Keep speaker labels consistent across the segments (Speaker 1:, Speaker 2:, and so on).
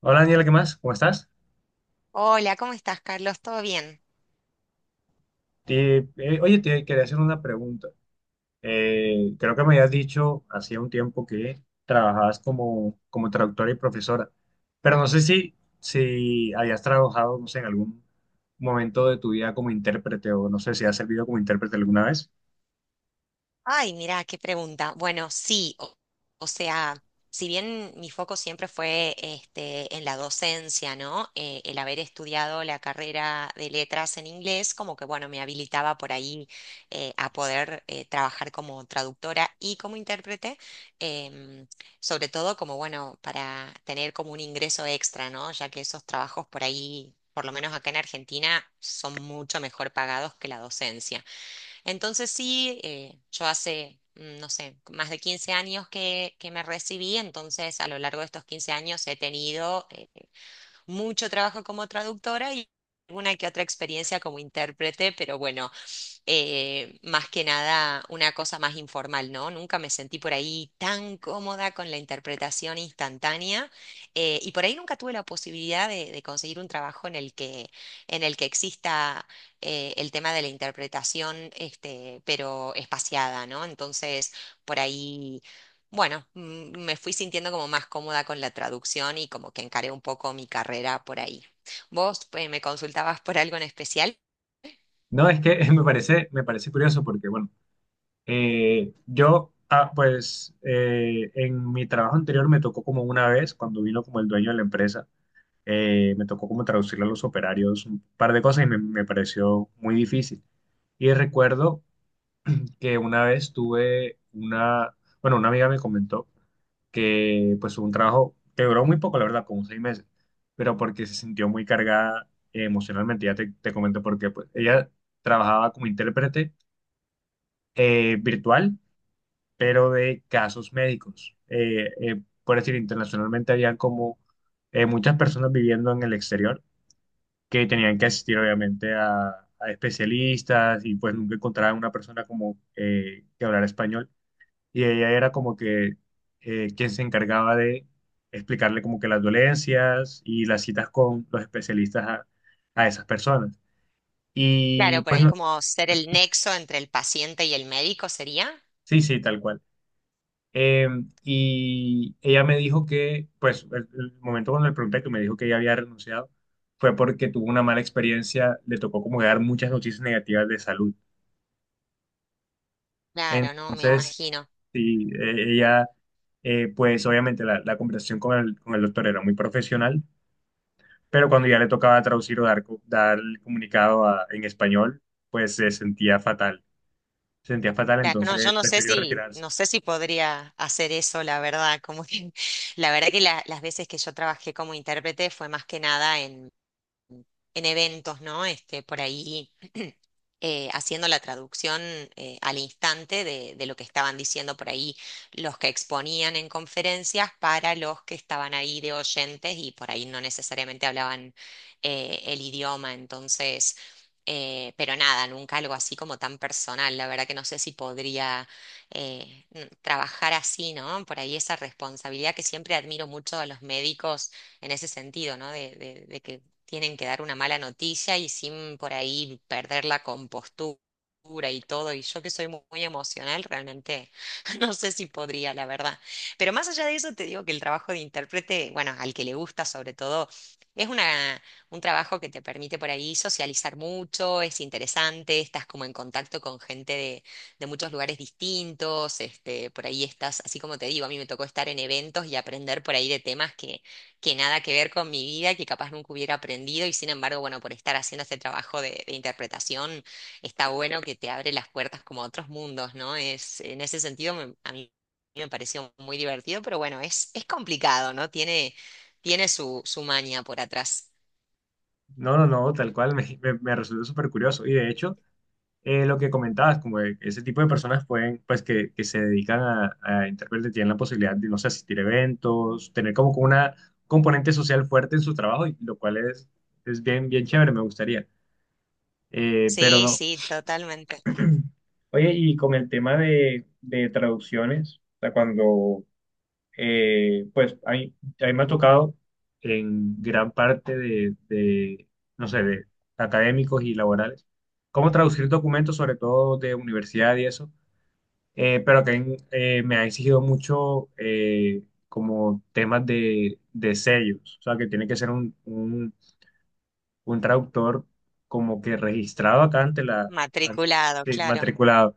Speaker 1: Hola Daniela, ¿qué más? ¿Cómo estás?
Speaker 2: Hola, ¿cómo estás, Carlos? ¿Todo bien?
Speaker 1: Oye, te quería hacer una pregunta. Creo que me habías dicho hacía un tiempo que trabajabas como traductora y profesora, pero no sé si habías trabajado, no sé, en algún momento de tu vida como intérprete, o no sé si has servido como intérprete alguna vez.
Speaker 2: Ay, mirá, qué pregunta. Bueno, sí, o sea, si bien mi foco siempre fue este, en la docencia, ¿no? El haber estudiado la carrera de letras en inglés, como que, bueno, me habilitaba por ahí a poder trabajar como traductora y como intérprete, em, sobre todo como, bueno, para tener como un ingreso extra, ¿no? Ya que esos trabajos por ahí, por lo menos acá en Argentina, son mucho mejor pagados que la docencia. Entonces sí, yo hace, no sé, más de 15 años que me recibí, entonces a lo largo de estos 15 años he tenido mucho trabajo como traductora y alguna que otra experiencia como intérprete, pero bueno, más que nada una cosa más informal, ¿no? Nunca me sentí por ahí tan cómoda con la interpretación instantánea, y por ahí nunca tuve la posibilidad de conseguir un trabajo en el que exista el tema de la interpretación, este, pero espaciada, ¿no? Entonces, por ahí. Bueno, me fui sintiendo como más cómoda con la traducción y como que encaré un poco mi carrera por ahí. ¿Vos me consultabas por algo en especial?
Speaker 1: No, es que me parece curioso porque, bueno, yo, ah, pues, en mi trabajo anterior me tocó como una vez cuando vino como el dueño de la empresa me tocó como traducirle a los operarios un par de cosas y me pareció muy difícil. Y recuerdo que una vez tuve una, bueno, una amiga me comentó que pues un trabajo que duró muy poco, la verdad, como seis meses, pero porque se sintió muy cargada emocionalmente. Ya te comento por qué. Pues ella trabajaba como intérprete virtual, pero de casos médicos. Por decir, internacionalmente había como muchas personas viviendo en el exterior que tenían que asistir obviamente a especialistas, y pues nunca encontraban una persona como que hablara español. Y ella era como que quien se encargaba de explicarle como que las dolencias y las citas con los especialistas a esas personas.
Speaker 2: Claro,
Speaker 1: Y
Speaker 2: por
Speaker 1: pues
Speaker 2: ahí
Speaker 1: no,
Speaker 2: como ser el nexo entre el paciente y el médico sería.
Speaker 1: sí, sí, tal cual. Eh, y ella me dijo que, pues el momento cuando le pregunté, que me dijo que ella había renunciado, fue porque tuvo una mala experiencia, le tocó como que dar muchas noticias negativas de salud.
Speaker 2: Claro, no, me
Speaker 1: Entonces,
Speaker 2: imagino.
Speaker 1: sí, ella, pues obviamente la, la conversación con el doctor era muy profesional, pero cuando ya le tocaba traducir o dar, dar el comunicado en español, pues se sentía fatal,
Speaker 2: Claro, no,
Speaker 1: entonces
Speaker 2: yo no sé
Speaker 1: prefirió
Speaker 2: si,
Speaker 1: retirarse.
Speaker 2: no sé si podría hacer eso, la verdad, como que, la verdad que las veces que yo trabajé como intérprete fue más que nada en eventos, ¿no? Este, por ahí haciendo la traducción al instante de lo que estaban diciendo por ahí los que exponían en conferencias para los que estaban ahí de oyentes y por ahí no necesariamente hablaban el idioma. Entonces, pero nada, nunca algo así como tan personal. La verdad que no sé si podría trabajar así, ¿no? Por ahí esa responsabilidad, que siempre admiro mucho a los médicos en ese sentido, ¿no? de que tienen que dar una mala noticia y sin por ahí perder la compostura y todo. Y yo que soy muy, emocional, realmente, no sé si podría, la verdad. Pero más allá de eso, te digo que el trabajo de intérprete, bueno, al que le gusta sobre todo, es un trabajo que te permite por ahí socializar mucho, es interesante, estás como en contacto con gente de muchos lugares distintos, este, por ahí estás, así como te digo, a mí me tocó estar en eventos y aprender por ahí de temas que nada que ver con mi vida, que capaz nunca hubiera aprendido y sin embargo, bueno, por estar haciendo este trabajo de interpretación, está bueno que te abre las puertas como a otros mundos, ¿no? Es, en ese sentido, a mí me pareció muy divertido, pero bueno, es complicado, ¿no? Tiene su maña por atrás.
Speaker 1: No, no, no, tal cual, me resultó súper curioso. Y de hecho, lo que comentabas, como de ese tipo de personas pueden, pues que se dedican a intérpretes, tienen la posibilidad de, no sé, asistir a eventos, tener como que una componente social fuerte en su trabajo, y lo cual es bien, bien chévere, me gustaría. Pero
Speaker 2: Sí,
Speaker 1: no.
Speaker 2: sí, totalmente.
Speaker 1: Oye, y con el tema de traducciones, o sea, cuando, pues, a mí me ha tocado en gran parte de, no sé, de académicos y laborales, cómo traducir documentos, sobre todo de universidad y eso, pero que me ha exigido mucho como temas de sellos, o sea, que tiene que ser un traductor como que registrado acá ante la, ante-
Speaker 2: Matriculado,
Speaker 1: sí,
Speaker 2: claro.
Speaker 1: matriculado.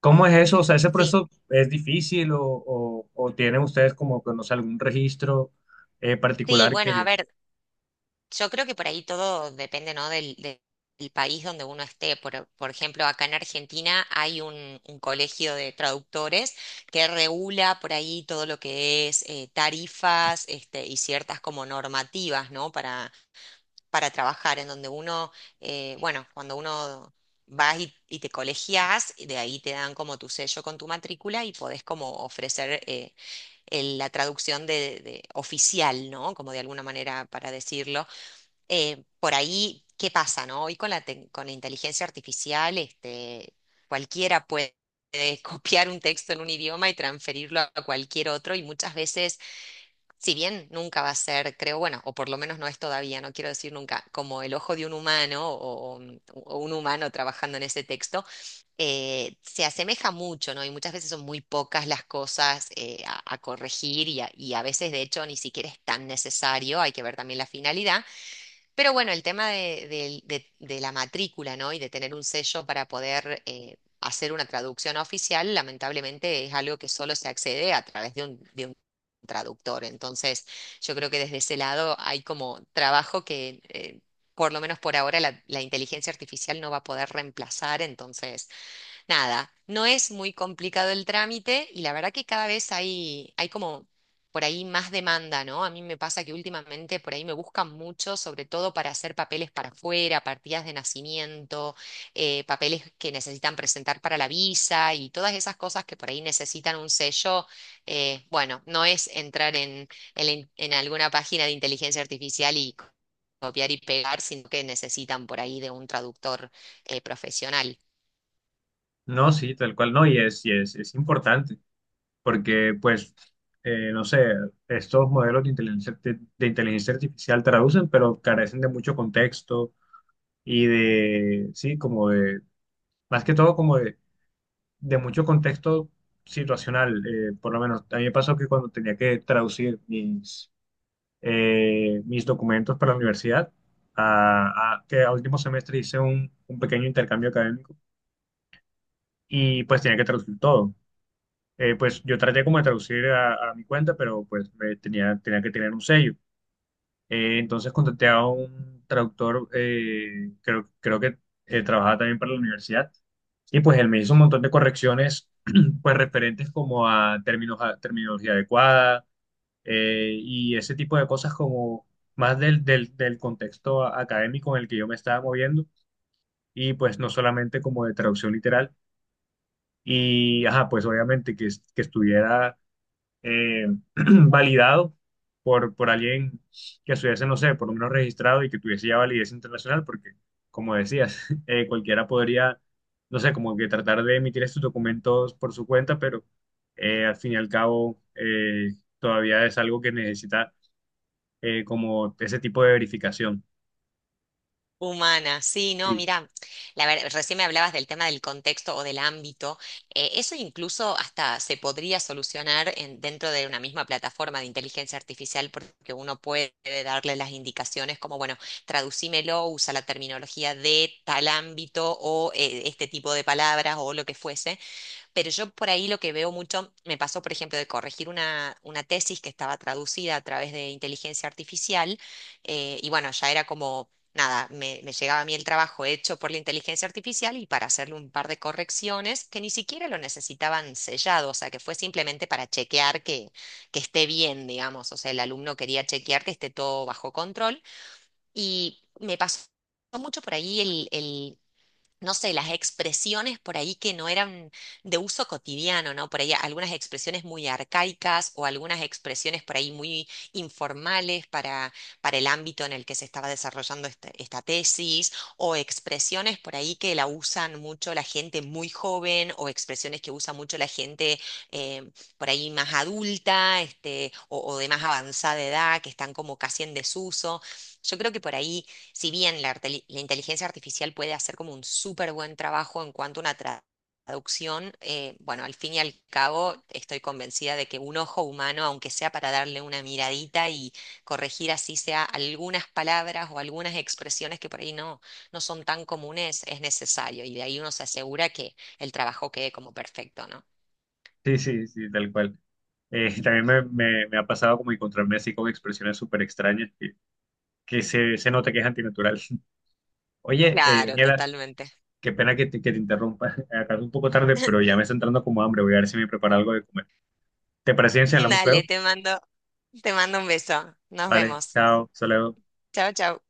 Speaker 1: ¿Cómo es eso? O sea, ¿ese
Speaker 2: Sí,
Speaker 1: proceso es difícil o tienen ustedes como que, no sé, algún registro
Speaker 2: sí,
Speaker 1: particular
Speaker 2: bueno, a
Speaker 1: que...
Speaker 2: ver, yo creo que por ahí todo depende, ¿no? del país donde uno esté. Por ejemplo, acá en Argentina hay un colegio de traductores que regula por ahí todo lo que es tarifas, este, y ciertas como normativas, ¿no? Para trabajar, en donde uno, bueno, cuando uno vas y te colegias, de ahí te dan como tu sello con tu matrícula y podés como ofrecer, la traducción de oficial, ¿no? Como de alguna manera para decirlo, por ahí, ¿qué pasa, no? Hoy con la inteligencia artificial, este, cualquiera puede copiar un texto en un idioma y transferirlo a cualquier otro, y muchas veces, si bien nunca va a ser, creo, bueno, o por lo menos no es todavía, no quiero decir nunca, como el ojo de un humano o un humano trabajando en ese texto, se asemeja mucho, ¿no? Y muchas veces son muy pocas las cosas a corregir, a veces, de hecho, ni siquiera es tan necesario, hay que ver también la finalidad. Pero bueno, el tema de la matrícula, ¿no? Y de tener un sello para poder hacer una traducción oficial, lamentablemente, es algo que solo se accede a través de un traductor. Entonces, yo creo que desde ese lado hay como trabajo que, por lo menos por ahora, la inteligencia artificial no va a poder reemplazar. Entonces, nada, no es muy complicado el trámite y la verdad que cada vez hay como por ahí más demanda, ¿no? A mí me pasa que últimamente por ahí me buscan mucho, sobre todo para hacer papeles para afuera, partidas de nacimiento, papeles que necesitan presentar para la visa y todas esas cosas que por ahí necesitan un sello. Bueno, no es entrar en alguna página de inteligencia artificial y copiar y pegar, sino que necesitan por ahí de un traductor profesional.
Speaker 1: No, sí, tal cual no, y es importante, porque pues, no sé, estos modelos de inteligencia artificial traducen, pero carecen de mucho contexto y de, sí, como de, más que todo como de mucho contexto situacional. Por lo menos a mí me pasó que cuando tenía que traducir mis, mis documentos para la universidad, a, que al último semestre hice un pequeño intercambio académico y pues tenía que traducir todo. Pues yo traté como de traducir a mi cuenta, pero pues me tenía, tenía que tener un sello. Entonces contacté a un traductor, creo, creo que trabajaba también para la universidad, y pues él me hizo un montón de correcciones, pues referentes como a términos, a terminología adecuada, y ese tipo de cosas como más del, del, del contexto académico en el que yo me estaba moviendo, y pues no solamente como de traducción literal, y ajá, pues obviamente que, que estuviera eh, validado por alguien que estuviese, no sé, por lo menos registrado y que tuviese ya validez internacional, porque, como decías, cualquiera podría, no sé, como que tratar de emitir estos documentos por su cuenta, pero al fin y al cabo todavía es algo que necesita como ese tipo de verificación.
Speaker 2: Humana, sí, no,
Speaker 1: Sí,
Speaker 2: mira, recién me hablabas del tema del contexto o del ámbito. Eso incluso hasta se podría solucionar dentro de una misma plataforma de inteligencia artificial, porque uno puede darle las indicaciones como, bueno, traducímelo, usa la terminología de tal ámbito o este tipo de palabras o lo que fuese. Pero yo por ahí lo que veo mucho, me pasó, por ejemplo, de corregir una tesis que estaba traducida a través de inteligencia artificial, y bueno, ya era como, nada, me llegaba a mí el trabajo hecho por la inteligencia artificial y para hacerle un par de correcciones que ni siquiera lo necesitaban sellado, o sea, que fue simplemente para chequear que esté bien, digamos, o sea, el alumno quería chequear que esté todo bajo control, y me pasó mucho por ahí el, no sé, las expresiones por ahí que no eran de uso cotidiano, ¿no? Por ahí algunas expresiones muy arcaicas, o algunas expresiones por ahí muy informales para el ámbito en el que se estaba desarrollando esta tesis, o expresiones por ahí que la usan mucho la gente muy joven, o expresiones que usa mucho la gente eh, por ahí más adulta, este, o de más avanzada edad, que están como casi en desuso. Yo creo que por ahí, si bien la inteligencia artificial puede hacer como un súper buen trabajo en cuanto a una traducción, bueno, al fin y al cabo estoy convencida de que un ojo humano, aunque sea para darle una miradita y corregir así sea algunas palabras o algunas expresiones que por ahí no son tan comunes, es necesario. Y de ahí uno se asegura que el trabajo quede como perfecto, ¿no?
Speaker 1: sí, sí, sí, tal cual. También me, me ha pasado como encontrarme así con expresiones súper extrañas que se nota que es antinatural. Oye,
Speaker 2: Claro,
Speaker 1: Daniela,
Speaker 2: totalmente.
Speaker 1: qué pena que te interrumpa. Acá es un poco tarde, pero ya me está entrando como hambre. Voy a ver si me preparo algo de comer. ¿Te parece bien si hablamos luego?
Speaker 2: Dale, te mando un beso. Nos
Speaker 1: Vale,
Speaker 2: vemos.
Speaker 1: chao, hasta luego.
Speaker 2: Chao, chao.